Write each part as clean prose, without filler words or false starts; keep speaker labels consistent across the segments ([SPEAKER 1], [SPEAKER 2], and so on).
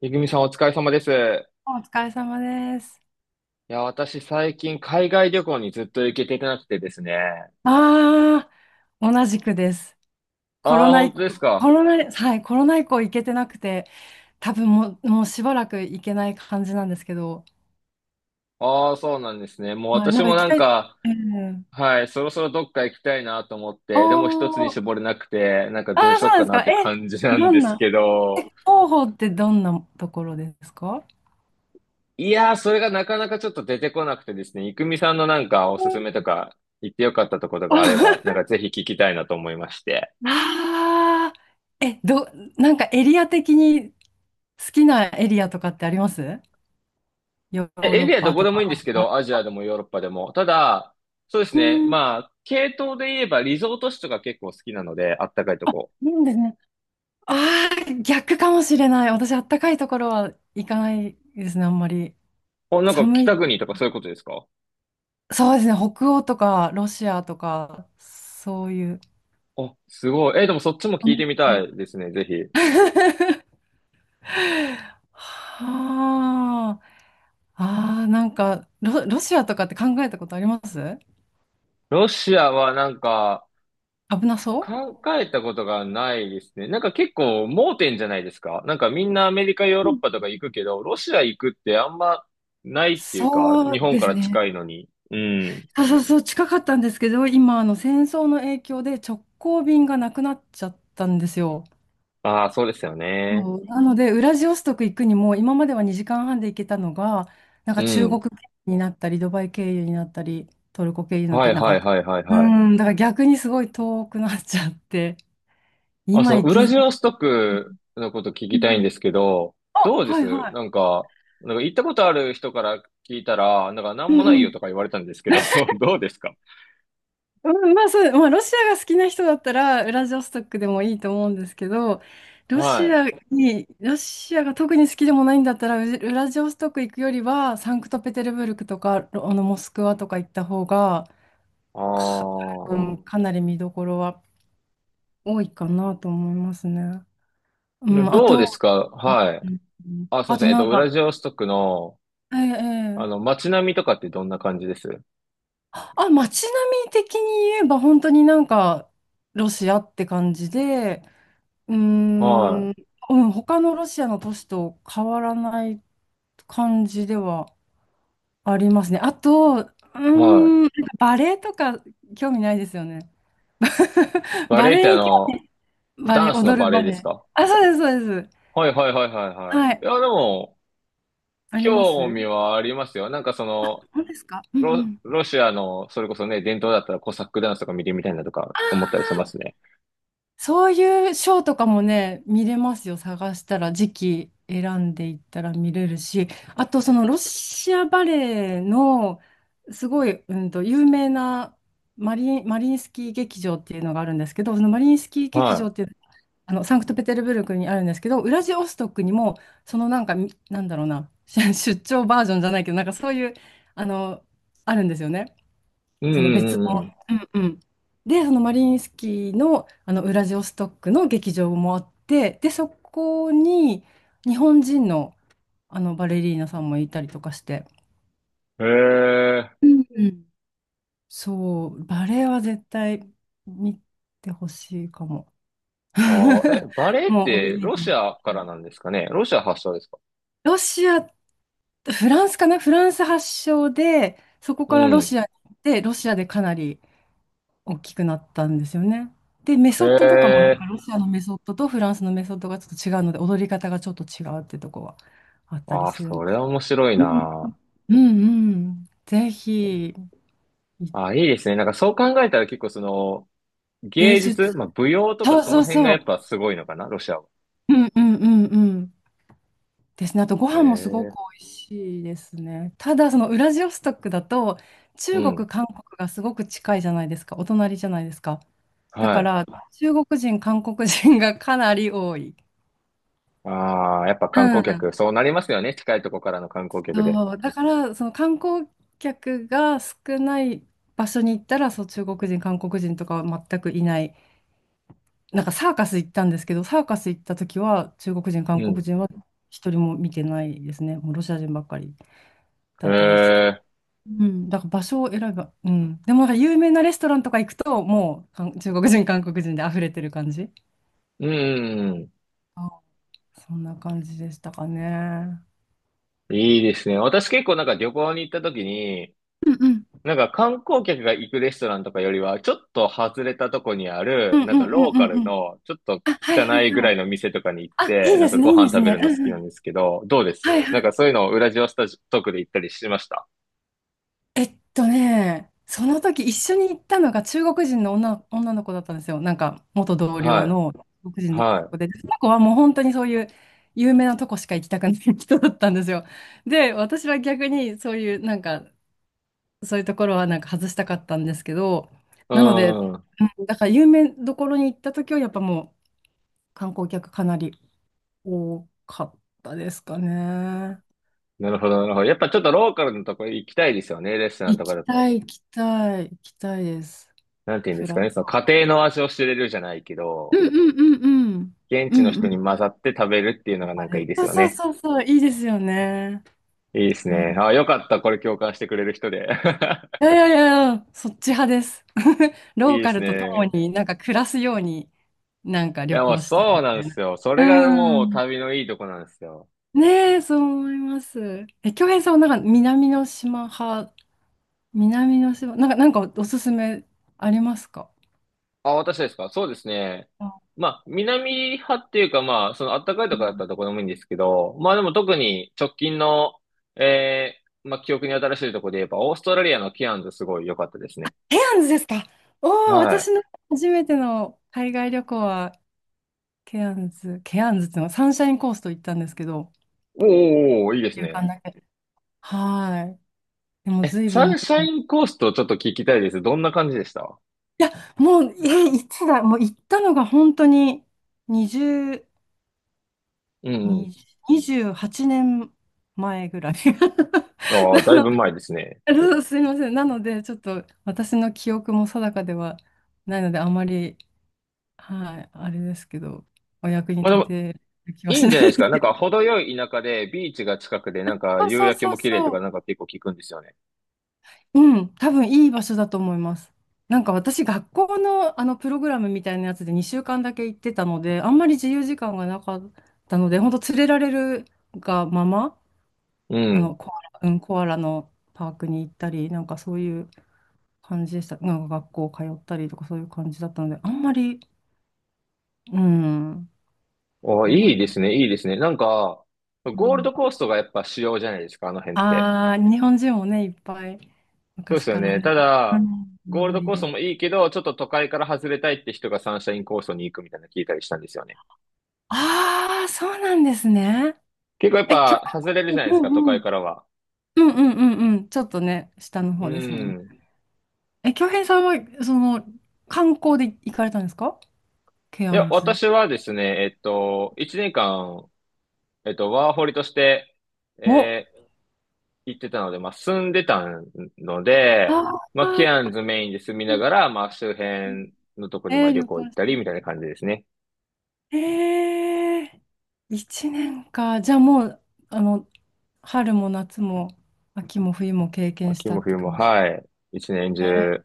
[SPEAKER 1] めぐみさんお疲れ様です。い
[SPEAKER 2] お疲れ様です。
[SPEAKER 1] や、私最近海外旅行にずっと行けてなくてですね。
[SPEAKER 2] ああ、同じくです。コ
[SPEAKER 1] あ
[SPEAKER 2] ロ
[SPEAKER 1] あ、
[SPEAKER 2] ナ
[SPEAKER 1] 本
[SPEAKER 2] 以降、
[SPEAKER 1] 当です
[SPEAKER 2] コ
[SPEAKER 1] か。
[SPEAKER 2] ロナ、はい、コロナ以降行けてなくて、多分もうしばらく行けない感じなんですけど、
[SPEAKER 1] ああ、そうなんですね。もう
[SPEAKER 2] はい、な
[SPEAKER 1] 私
[SPEAKER 2] んか
[SPEAKER 1] も
[SPEAKER 2] 行き
[SPEAKER 1] なん
[SPEAKER 2] たい。
[SPEAKER 1] か、
[SPEAKER 2] えん、
[SPEAKER 1] はい、そろそろどっか行きたいなと思って、でも一つに
[SPEAKER 2] おー、
[SPEAKER 1] 絞れなくて、なんか
[SPEAKER 2] ああ、
[SPEAKER 1] どうし
[SPEAKER 2] そう
[SPEAKER 1] よう
[SPEAKER 2] なんで
[SPEAKER 1] か
[SPEAKER 2] す
[SPEAKER 1] な
[SPEAKER 2] か。
[SPEAKER 1] って
[SPEAKER 2] え、
[SPEAKER 1] 感じな
[SPEAKER 2] ど
[SPEAKER 1] んで
[SPEAKER 2] ん
[SPEAKER 1] す
[SPEAKER 2] な、
[SPEAKER 1] け
[SPEAKER 2] え、
[SPEAKER 1] ど、
[SPEAKER 2] 広報ってどんなところですか？
[SPEAKER 1] いやー、それがなかなかちょっと出てこなくてですね、いくみさんのなんかおすすめとか、行ってよかったところがあれば、なん かぜひ聞きたいなと思いまして。
[SPEAKER 2] ああ、え、ど、なんかエリア的に好きなエリアとかってありますヨ
[SPEAKER 1] え
[SPEAKER 2] ー
[SPEAKER 1] エ
[SPEAKER 2] ロッ
[SPEAKER 1] リアど
[SPEAKER 2] パ
[SPEAKER 1] こ
[SPEAKER 2] と
[SPEAKER 1] でもいい
[SPEAKER 2] か？
[SPEAKER 1] んですけ
[SPEAKER 2] あ
[SPEAKER 1] ど、アジアでもヨーロッパでも。ただ、そうです
[SPEAKER 2] う
[SPEAKER 1] ね。
[SPEAKER 2] ん、い
[SPEAKER 1] まあ、系統で言えばリゾート地とか結構好きなので、あったかいとこ。
[SPEAKER 2] いんですね。ああ、逆かもしれない。私、あったかいところは行かないですね、あんまり。
[SPEAKER 1] お、なんか
[SPEAKER 2] 寒い、
[SPEAKER 1] 北国とかそういうことですか？
[SPEAKER 2] そうですね、北欧とかロシアとか、そういう。
[SPEAKER 1] あ、すごい。え、でもそっちも聞い
[SPEAKER 2] 寒い
[SPEAKER 1] てみた
[SPEAKER 2] 系。
[SPEAKER 1] いですね、ぜひ。
[SPEAKER 2] はあ、ああ、なんかロシアとかって考えたことあります？
[SPEAKER 1] ロシアはなんか、
[SPEAKER 2] 危なそ
[SPEAKER 1] 考えたことがないですね。なんか結構盲点じゃないですか。なんかみんなアメリカ、ヨー
[SPEAKER 2] う
[SPEAKER 1] ロ
[SPEAKER 2] う
[SPEAKER 1] ッ
[SPEAKER 2] ん、
[SPEAKER 1] パとか行くけど、ロシア行くってあんまないっていうか、
[SPEAKER 2] そう
[SPEAKER 1] 日本
[SPEAKER 2] で
[SPEAKER 1] か
[SPEAKER 2] す
[SPEAKER 1] ら
[SPEAKER 2] ね。
[SPEAKER 1] 近いのに。うん。
[SPEAKER 2] そうそうそう、近かったんですけど、今、あの戦争の影響で直行便がなくなっちゃったんですよ。
[SPEAKER 1] ああ、そうですよね。
[SPEAKER 2] そうなので、ウラジオストク行くにも、今までは2時間半で行けたのが、なん
[SPEAKER 1] う
[SPEAKER 2] か中国
[SPEAKER 1] ん。
[SPEAKER 2] 経由になったり、ドバイ経由になったり、トルコ経由になった
[SPEAKER 1] はい
[SPEAKER 2] り、なん
[SPEAKER 1] はい
[SPEAKER 2] か、
[SPEAKER 1] はいはい
[SPEAKER 2] う
[SPEAKER 1] はい。
[SPEAKER 2] ん、だから逆にすごい遠くなっちゃって、
[SPEAKER 1] あ、そ
[SPEAKER 2] 今
[SPEAKER 1] の、
[SPEAKER 2] 行
[SPEAKER 1] ウ
[SPEAKER 2] き
[SPEAKER 1] ラジ
[SPEAKER 2] づ
[SPEAKER 1] オストクのこと聞
[SPEAKER 2] う
[SPEAKER 1] きたいん
[SPEAKER 2] ん。
[SPEAKER 1] ですけど、ど
[SPEAKER 2] あ、
[SPEAKER 1] うで
[SPEAKER 2] はい
[SPEAKER 1] す
[SPEAKER 2] はい。
[SPEAKER 1] なんか、なんか行ったことある人から聞いたら、なんかな
[SPEAKER 2] う
[SPEAKER 1] んも
[SPEAKER 2] ん
[SPEAKER 1] な
[SPEAKER 2] う
[SPEAKER 1] いよと
[SPEAKER 2] ん。
[SPEAKER 1] か言われたんですけど、どうですか？
[SPEAKER 2] うん、まあそう、まあロシアが好きな人だったら、ウラジオストクでもいいと思うんですけど、ロ
[SPEAKER 1] は
[SPEAKER 2] シ
[SPEAKER 1] い。
[SPEAKER 2] アロシアが特に好きでもないんだったら、ウラジオストク行くよりは、サンクトペテルブルクとか、ロあのモスクワとか行った方が、
[SPEAKER 1] あ
[SPEAKER 2] か、う
[SPEAKER 1] あ。
[SPEAKER 2] ん、かなり見どころは多いかなと思いますね。うん、あ
[SPEAKER 1] どう
[SPEAKER 2] と、
[SPEAKER 1] ですか？はい。
[SPEAKER 2] うん
[SPEAKER 1] あ、すいま
[SPEAKER 2] あ
[SPEAKER 1] せ
[SPEAKER 2] と
[SPEAKER 1] ん。
[SPEAKER 2] なん
[SPEAKER 1] ウラ
[SPEAKER 2] か、
[SPEAKER 1] ジオストクの、
[SPEAKER 2] え
[SPEAKER 1] あ
[SPEAKER 2] え
[SPEAKER 1] の、
[SPEAKER 2] ええ
[SPEAKER 1] 街並みとかってどんな感じです？
[SPEAKER 2] 街並み的に言えば本当になんかロシアって感じで、うー
[SPEAKER 1] は
[SPEAKER 2] ん、うん、他のロシアの都市と変わらない感じではありますね。あと、
[SPEAKER 1] い。はい。
[SPEAKER 2] なんかバレエとか興味ないですよね？
[SPEAKER 1] バ
[SPEAKER 2] バ
[SPEAKER 1] レエっ
[SPEAKER 2] レ
[SPEAKER 1] てあ
[SPEAKER 2] エに興
[SPEAKER 1] の、
[SPEAKER 2] 味、バレ
[SPEAKER 1] ダ
[SPEAKER 2] エ、
[SPEAKER 1] ンスの
[SPEAKER 2] 踊る
[SPEAKER 1] バレエ
[SPEAKER 2] バ
[SPEAKER 1] で
[SPEAKER 2] レ
[SPEAKER 1] す
[SPEAKER 2] エ。
[SPEAKER 1] か？
[SPEAKER 2] あ、そうです、そうです。
[SPEAKER 1] はいはいはいはいは
[SPEAKER 2] は
[SPEAKER 1] い。
[SPEAKER 2] い、
[SPEAKER 1] いや、でも、
[SPEAKER 2] ありま
[SPEAKER 1] 興味
[SPEAKER 2] す。
[SPEAKER 1] はありますよ。なんかその、
[SPEAKER 2] そうですか。うんう
[SPEAKER 1] ロ、
[SPEAKER 2] ん。
[SPEAKER 1] ロシアの、それこそね、伝統だったらコサックダンスとか見てみたいなとか思ったりしますね。
[SPEAKER 2] そういうショーとかもね、見れますよ。探したら、時期選んでいったら見れるし、あとそのロシアバレエのすごい、有名なマリインスキー劇場っていうのがあるんですけど、そのマリインスキー劇場
[SPEAKER 1] は
[SPEAKER 2] っていう、サンクトペテルブルクにあるんですけど、ウラジオストクにも、そのなんか、なんだろうな、出張バージョンじゃないけど、なんかそういう、あの、あるんですよね。
[SPEAKER 1] い。う
[SPEAKER 2] その別
[SPEAKER 1] んうんう
[SPEAKER 2] の。
[SPEAKER 1] ん
[SPEAKER 2] うんうん。で、そのマリインスキーの、あのウラジオストックの劇場もあって、で、そこに日本人の、あのバレリーナさんもいたりとかして、
[SPEAKER 1] うん。へえ。
[SPEAKER 2] うんうん。そう、バレエは絶対見てほしいかも。
[SPEAKER 1] ああえ、バレエっ
[SPEAKER 2] もうオ
[SPEAKER 1] て
[SPEAKER 2] リ
[SPEAKER 1] ロシ
[SPEAKER 2] ジ
[SPEAKER 1] アからなんですかね？ロシア発祥ですか？
[SPEAKER 2] ロシア、フランスかな？フランス発祥で、そこ
[SPEAKER 1] う
[SPEAKER 2] からロ
[SPEAKER 1] ん。
[SPEAKER 2] シアに行って、ロシアでかなり大きくなったんですよね。で、メ
[SPEAKER 1] へ
[SPEAKER 2] ソッドとかもなん
[SPEAKER 1] え。
[SPEAKER 2] かロシアのメソッドとフランスのメソッドがちょっと違うので、踊り方がちょっと違うってとこはあったり
[SPEAKER 1] ああ、
[SPEAKER 2] するん
[SPEAKER 1] そ
[SPEAKER 2] で
[SPEAKER 1] れ
[SPEAKER 2] す。
[SPEAKER 1] は面白い
[SPEAKER 2] うん
[SPEAKER 1] な。
[SPEAKER 2] うんうん。ぜひ、
[SPEAKER 1] ああ、いいですね。なんかそう考えたら結構その、
[SPEAKER 2] 芸
[SPEAKER 1] 芸
[SPEAKER 2] 術。
[SPEAKER 1] 術、まあ舞踊とか
[SPEAKER 2] そう
[SPEAKER 1] そ
[SPEAKER 2] そ
[SPEAKER 1] の
[SPEAKER 2] う
[SPEAKER 1] 辺がやっぱ
[SPEAKER 2] そ
[SPEAKER 1] すごいのかな？ロシアは。
[SPEAKER 2] う。うんうんうんうん。ですね。あとご
[SPEAKER 1] へ
[SPEAKER 2] 飯もすごく
[SPEAKER 1] え。
[SPEAKER 2] 美味しいですね。ただ、そのウラジオストクだと、
[SPEAKER 1] う
[SPEAKER 2] 中
[SPEAKER 1] ん。
[SPEAKER 2] 国、韓国がすごく近いじゃないですか。お隣じゃないですか。だ
[SPEAKER 1] は
[SPEAKER 2] か
[SPEAKER 1] い。
[SPEAKER 2] ら、中国人、韓国人がかなり多い。
[SPEAKER 1] ああ、やっぱ
[SPEAKER 2] う
[SPEAKER 1] 観光客、
[SPEAKER 2] ん。
[SPEAKER 1] そうなりますよね。近いとこからの観光客で。
[SPEAKER 2] そう、だから、その観光客が少ない場所に行ったら、そう、中国人、韓国人とかは全くいない。なんかサーカス行ったんですけど、サーカス行った時は、中国人、韓
[SPEAKER 1] う
[SPEAKER 2] 国
[SPEAKER 1] ん。
[SPEAKER 2] 人は一人も見てないですね。もうロシア人ばっかり
[SPEAKER 1] へ
[SPEAKER 2] だったですけど。
[SPEAKER 1] え、
[SPEAKER 2] うん、だから場所を選ば、うん。でもなんか有名なレストランとか行くと、もう中国人、韓国人で溢れてる感じ。
[SPEAKER 1] うん、
[SPEAKER 2] あそんな感じでしたかね。
[SPEAKER 1] いいですね。私結構なんか旅行に行った時に、
[SPEAKER 2] うんうん。
[SPEAKER 1] なんか観光客が行くレストランとかよりは、ちょっと外れたとこにあ
[SPEAKER 2] う
[SPEAKER 1] る、
[SPEAKER 2] んう
[SPEAKER 1] なん
[SPEAKER 2] ん
[SPEAKER 1] か
[SPEAKER 2] う
[SPEAKER 1] ロー
[SPEAKER 2] ん
[SPEAKER 1] カ
[SPEAKER 2] うん
[SPEAKER 1] ル
[SPEAKER 2] うん。
[SPEAKER 1] の、ちょっと
[SPEAKER 2] あ、はいは
[SPEAKER 1] 汚
[SPEAKER 2] い
[SPEAKER 1] いぐ
[SPEAKER 2] は
[SPEAKER 1] らい
[SPEAKER 2] い。
[SPEAKER 1] の店とかに行っ
[SPEAKER 2] あ、い
[SPEAKER 1] て、
[SPEAKER 2] い
[SPEAKER 1] なん
[SPEAKER 2] です
[SPEAKER 1] かご
[SPEAKER 2] ね、いいで
[SPEAKER 1] 飯
[SPEAKER 2] す
[SPEAKER 1] 食べる
[SPEAKER 2] ね。
[SPEAKER 1] の
[SPEAKER 2] う
[SPEAKER 1] 好きなん
[SPEAKER 2] ん
[SPEAKER 1] ですけど、どうで
[SPEAKER 2] はい
[SPEAKER 1] す
[SPEAKER 2] は
[SPEAKER 1] なんか
[SPEAKER 2] い。
[SPEAKER 1] そういうのをウラジオストクで行ったりしました？
[SPEAKER 2] その時一緒に行ったのが中国人の女の子だったんですよ。なんか元同僚
[SPEAKER 1] は
[SPEAKER 2] の中国
[SPEAKER 1] い。
[SPEAKER 2] 人の女の
[SPEAKER 1] は
[SPEAKER 2] 子
[SPEAKER 1] い。
[SPEAKER 2] で、その子はもう本当にそういう有名なとこしか行きたくない人だったんですよ。で、私は逆にそういうなんか、そういうところはなんか外したかったんですけど、
[SPEAKER 1] う
[SPEAKER 2] なので、うん
[SPEAKER 1] ん。
[SPEAKER 2] だから有名どころに行った時はやっぱもう観光客かなり多かったですかね。
[SPEAKER 1] なるほど、なるほど。やっぱちょっとローカルのとこ行きたいですよね、レストラン
[SPEAKER 2] 行
[SPEAKER 1] とか
[SPEAKER 2] き
[SPEAKER 1] だ
[SPEAKER 2] た
[SPEAKER 1] と。
[SPEAKER 2] い、行きたい、行きたいです。
[SPEAKER 1] なんて言うんで
[SPEAKER 2] フ
[SPEAKER 1] す
[SPEAKER 2] ラ
[SPEAKER 1] か
[SPEAKER 2] ッ
[SPEAKER 1] ね、その
[SPEAKER 2] ト。
[SPEAKER 1] 家庭の味を知れるじゃないけ
[SPEAKER 2] う
[SPEAKER 1] ど、
[SPEAKER 2] んうんうんうん。
[SPEAKER 1] 現
[SPEAKER 2] う
[SPEAKER 1] 地の
[SPEAKER 2] んう
[SPEAKER 1] 人に
[SPEAKER 2] ん。
[SPEAKER 1] 混ざって食べるっていうの
[SPEAKER 2] わ
[SPEAKER 1] がな
[SPEAKER 2] か
[SPEAKER 1] んかいい
[SPEAKER 2] る。
[SPEAKER 1] です
[SPEAKER 2] そう
[SPEAKER 1] よ
[SPEAKER 2] そう
[SPEAKER 1] ね。
[SPEAKER 2] そうそう、いいですよね。
[SPEAKER 1] いいです
[SPEAKER 2] うん
[SPEAKER 1] ね。あ、よかった。これ共感してくれる人で。
[SPEAKER 2] いやいやいやいや、そっち派です。
[SPEAKER 1] い
[SPEAKER 2] ロ
[SPEAKER 1] い
[SPEAKER 2] ー
[SPEAKER 1] で
[SPEAKER 2] カ
[SPEAKER 1] す
[SPEAKER 2] ルと共
[SPEAKER 1] ね。
[SPEAKER 2] になんか暮らすようになんか
[SPEAKER 1] い
[SPEAKER 2] 旅
[SPEAKER 1] や、もう
[SPEAKER 2] 行したい
[SPEAKER 1] そ
[SPEAKER 2] み
[SPEAKER 1] うな
[SPEAKER 2] た
[SPEAKER 1] んで
[SPEAKER 2] い
[SPEAKER 1] す
[SPEAKER 2] な。
[SPEAKER 1] よ。そ
[SPEAKER 2] う
[SPEAKER 1] れがもう
[SPEAKER 2] ん。
[SPEAKER 1] 旅のいいとこなんですよ。
[SPEAKER 2] ねえ、そう思います。京平さんはなんか南の島派？南の島、なんかおすすめありますか？
[SPEAKER 1] あ、私ですか？そうですね。
[SPEAKER 2] あ
[SPEAKER 1] まあ、南派っていうか、まあ、そのあったかい
[SPEAKER 2] う
[SPEAKER 1] とこだった
[SPEAKER 2] ん、
[SPEAKER 1] らどこでもいいんですけど、まあでも特に直近の、えまあ記憶に新しいとこで言えば、オーストラリアのケアンズすごい良かったですね。
[SPEAKER 2] ケアンズですか？おおー、
[SPEAKER 1] はい。
[SPEAKER 2] 私の初めての海外旅行はケアンズ、ケアンズっていうのはサンシャインコースト行ったんですけど、
[SPEAKER 1] おーおーおー、いいです
[SPEAKER 2] 一
[SPEAKER 1] ね。
[SPEAKER 2] 週だけ。はい。でも
[SPEAKER 1] え、
[SPEAKER 2] 随
[SPEAKER 1] サ
[SPEAKER 2] 分前
[SPEAKER 1] ンシャ
[SPEAKER 2] に、い
[SPEAKER 1] インコーストちょっと聞きたいです。どんな感じでした？
[SPEAKER 2] や、もう、いつだ、もう行ったのが本当に20、
[SPEAKER 1] うんうん。
[SPEAKER 2] 20 28年前ぐらい。
[SPEAKER 1] あ
[SPEAKER 2] な
[SPEAKER 1] あ、だい
[SPEAKER 2] の、
[SPEAKER 1] ぶ前ですね。
[SPEAKER 2] そうすいません。なので、ちょっと私の記憶も定かではないので、あまり、はい、あれですけど、お役に
[SPEAKER 1] まあで
[SPEAKER 2] 立
[SPEAKER 1] も、
[SPEAKER 2] てる気は
[SPEAKER 1] いい
[SPEAKER 2] し
[SPEAKER 1] ん
[SPEAKER 2] な
[SPEAKER 1] じ
[SPEAKER 2] い
[SPEAKER 1] ゃないです
[SPEAKER 2] で
[SPEAKER 1] か。
[SPEAKER 2] す
[SPEAKER 1] な
[SPEAKER 2] け
[SPEAKER 1] ん
[SPEAKER 2] ど。
[SPEAKER 1] か、程よい田舎で、ビーチが近くで、なんか、
[SPEAKER 2] そう
[SPEAKER 1] 夕
[SPEAKER 2] そう
[SPEAKER 1] 焼け
[SPEAKER 2] そう
[SPEAKER 1] も綺麗と
[SPEAKER 2] そ
[SPEAKER 1] か、
[SPEAKER 2] う。
[SPEAKER 1] なんか結構聞くんですよね。
[SPEAKER 2] うん、多分いい場所だと思います。なんか私、学校のあのプログラムみたいなやつで2週間だけ行ってたので、あんまり自由時間がなかったので、本当連れられるがまま、
[SPEAKER 1] う
[SPEAKER 2] あの
[SPEAKER 1] ん。
[SPEAKER 2] コアラ、うん、コアラのパークに行ったり、なんかそういう感じでした。なんか学校通ったりとかそういう感じだったので、あんまり、うん、
[SPEAKER 1] ああ、
[SPEAKER 2] あんま
[SPEAKER 1] いい
[SPEAKER 2] り、
[SPEAKER 1] ですね、いいですね。なんか、
[SPEAKER 2] う
[SPEAKER 1] ゴール
[SPEAKER 2] ん、
[SPEAKER 1] ドコーストがやっぱ主要じゃないですか、あの辺って。
[SPEAKER 2] ああ、日本人もね、いっぱい
[SPEAKER 1] そうで
[SPEAKER 2] 昔
[SPEAKER 1] すよ
[SPEAKER 2] から
[SPEAKER 1] ね。
[SPEAKER 2] ね、
[SPEAKER 1] た
[SPEAKER 2] う
[SPEAKER 1] だ、
[SPEAKER 2] ん、お
[SPEAKER 1] ゴールド
[SPEAKER 2] 守り
[SPEAKER 1] コースト
[SPEAKER 2] で。
[SPEAKER 1] もいいけど、ちょっと都会から外れたいって人がサンシャインコーストに行くみたいなの聞いたりしたんですよね。
[SPEAKER 2] ああ、そうなんですね。
[SPEAKER 1] 結構やっ
[SPEAKER 2] え、兄
[SPEAKER 1] ぱ、外れるじゃないで
[SPEAKER 2] うん
[SPEAKER 1] すか、都
[SPEAKER 2] う
[SPEAKER 1] 会
[SPEAKER 2] ん。
[SPEAKER 1] からは。
[SPEAKER 2] うんうんうんうん。ちょっとね、下の
[SPEAKER 1] う
[SPEAKER 2] 方ですもんね。
[SPEAKER 1] ん。
[SPEAKER 2] 京平さんは、その、観光で行かれたんですか？ケ
[SPEAKER 1] い
[SPEAKER 2] ア
[SPEAKER 1] や、
[SPEAKER 2] ンズ。
[SPEAKER 1] 私はですね、1年間ワーホリとして、
[SPEAKER 2] お、
[SPEAKER 1] えー行ってたので、まあ、住んでたので、
[SPEAKER 2] あ
[SPEAKER 1] まあ、
[SPEAKER 2] あ、
[SPEAKER 1] ケアンズメインで住みながら、まあ、周辺のとこにまあ旅
[SPEAKER 2] 旅
[SPEAKER 1] 行行
[SPEAKER 2] 行
[SPEAKER 1] っ
[SPEAKER 2] し
[SPEAKER 1] た
[SPEAKER 2] た
[SPEAKER 1] り
[SPEAKER 2] い。
[SPEAKER 1] みたいな感じですね。
[SPEAKER 2] ええー、1年か。じゃあもう、あの、春も夏も秋も冬も経験し
[SPEAKER 1] 秋
[SPEAKER 2] た
[SPEAKER 1] も
[SPEAKER 2] って
[SPEAKER 1] 冬も、
[SPEAKER 2] 感じ。
[SPEAKER 1] はい。一年
[SPEAKER 2] え
[SPEAKER 1] 中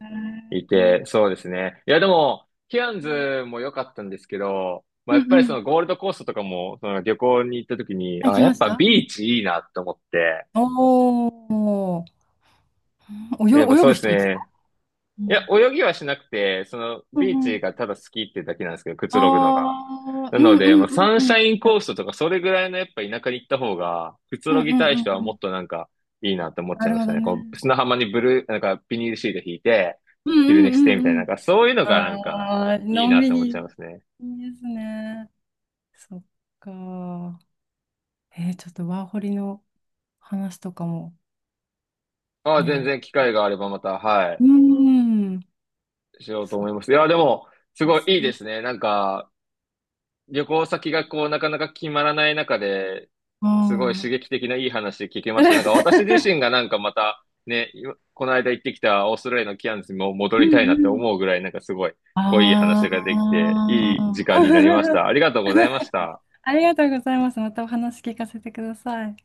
[SPEAKER 1] い
[SPEAKER 2] ー、
[SPEAKER 1] て、そうですね。いや、でも、ケアンズも良かったんですけど、まあ、
[SPEAKER 2] う
[SPEAKER 1] やっ
[SPEAKER 2] ん
[SPEAKER 1] ぱ
[SPEAKER 2] う
[SPEAKER 1] りそ
[SPEAKER 2] ん。
[SPEAKER 1] のゴールドコーストとかも、その旅行に行った時に、
[SPEAKER 2] 行
[SPEAKER 1] あ、
[SPEAKER 2] き
[SPEAKER 1] や
[SPEAKER 2] ま
[SPEAKER 1] っ
[SPEAKER 2] し
[SPEAKER 1] ぱ
[SPEAKER 2] た。う
[SPEAKER 1] ビ
[SPEAKER 2] ん。
[SPEAKER 1] ーチいいなと思って、
[SPEAKER 2] おーおー、
[SPEAKER 1] でやっぱ
[SPEAKER 2] 泳
[SPEAKER 1] そ
[SPEAKER 2] ぐ
[SPEAKER 1] うです
[SPEAKER 2] 人です
[SPEAKER 1] ね。
[SPEAKER 2] か？う
[SPEAKER 1] いや、
[SPEAKER 2] ん
[SPEAKER 1] 泳ぎはしなくて、その、
[SPEAKER 2] う
[SPEAKER 1] ビーチ
[SPEAKER 2] ん。
[SPEAKER 1] がただ好きってだけなんですけど、くつ
[SPEAKER 2] あ
[SPEAKER 1] ろぐのが。
[SPEAKER 2] あ、
[SPEAKER 1] な
[SPEAKER 2] う
[SPEAKER 1] の
[SPEAKER 2] んう
[SPEAKER 1] で、
[SPEAKER 2] ん
[SPEAKER 1] まあ、
[SPEAKER 2] う
[SPEAKER 1] サ
[SPEAKER 2] ん
[SPEAKER 1] ン
[SPEAKER 2] う
[SPEAKER 1] シ
[SPEAKER 2] ん。
[SPEAKER 1] ャインコーストとか、それぐらいのやっぱ田舎に行った方が、くつ
[SPEAKER 2] うん
[SPEAKER 1] ろ
[SPEAKER 2] うん
[SPEAKER 1] ぎ
[SPEAKER 2] う
[SPEAKER 1] たい人は
[SPEAKER 2] んう
[SPEAKER 1] もっ
[SPEAKER 2] ん。
[SPEAKER 1] となんか、いいなって思っち
[SPEAKER 2] な
[SPEAKER 1] ゃい
[SPEAKER 2] る
[SPEAKER 1] まし
[SPEAKER 2] ほ
[SPEAKER 1] た
[SPEAKER 2] ど
[SPEAKER 1] ね。こ
[SPEAKER 2] ね。
[SPEAKER 1] う、砂浜にブルー、なんか、ビニールシート引いて、
[SPEAKER 2] うん
[SPEAKER 1] 昼
[SPEAKER 2] う
[SPEAKER 1] 寝し
[SPEAKER 2] ん
[SPEAKER 1] てみたいな、
[SPEAKER 2] うんう
[SPEAKER 1] なん
[SPEAKER 2] ん。
[SPEAKER 1] か、そういうのがなんか、
[SPEAKER 2] ああ、
[SPEAKER 1] い
[SPEAKER 2] の
[SPEAKER 1] い
[SPEAKER 2] ん
[SPEAKER 1] なっ
[SPEAKER 2] び
[SPEAKER 1] て思っ
[SPEAKER 2] り。
[SPEAKER 1] ちゃい
[SPEAKER 2] い
[SPEAKER 1] ますね。
[SPEAKER 2] いですね。そっか。ちょっとワーホリの話とかも
[SPEAKER 1] ああ、全
[SPEAKER 2] ね。
[SPEAKER 1] 然機会があればまた、はい、
[SPEAKER 2] うーん。
[SPEAKER 1] しようと
[SPEAKER 2] そ
[SPEAKER 1] 思
[SPEAKER 2] っ
[SPEAKER 1] います。いや、でも、す
[SPEAKER 2] か、
[SPEAKER 1] ごい
[SPEAKER 2] す
[SPEAKER 1] いい
[SPEAKER 2] ご
[SPEAKER 1] で
[SPEAKER 2] い。
[SPEAKER 1] すね。なんか、旅行先がこう、なかなか決まらない中で、
[SPEAKER 2] あ
[SPEAKER 1] すごい刺
[SPEAKER 2] ー。
[SPEAKER 1] 激的ないい話聞けました。なんか私自身が なんかまた、ね、今この間行ってきたオーストラリアのキャンズにも戻
[SPEAKER 2] う
[SPEAKER 1] り
[SPEAKER 2] ん
[SPEAKER 1] たいなっ
[SPEAKER 2] う
[SPEAKER 1] て
[SPEAKER 2] ん。
[SPEAKER 1] 思うぐらい、なんかすごい、こういい話ができ
[SPEAKER 2] あ
[SPEAKER 1] て、いい時
[SPEAKER 2] あ。
[SPEAKER 1] 間になりました。あり がとうございました。
[SPEAKER 2] ありがとうございます。またお話聞かせてください。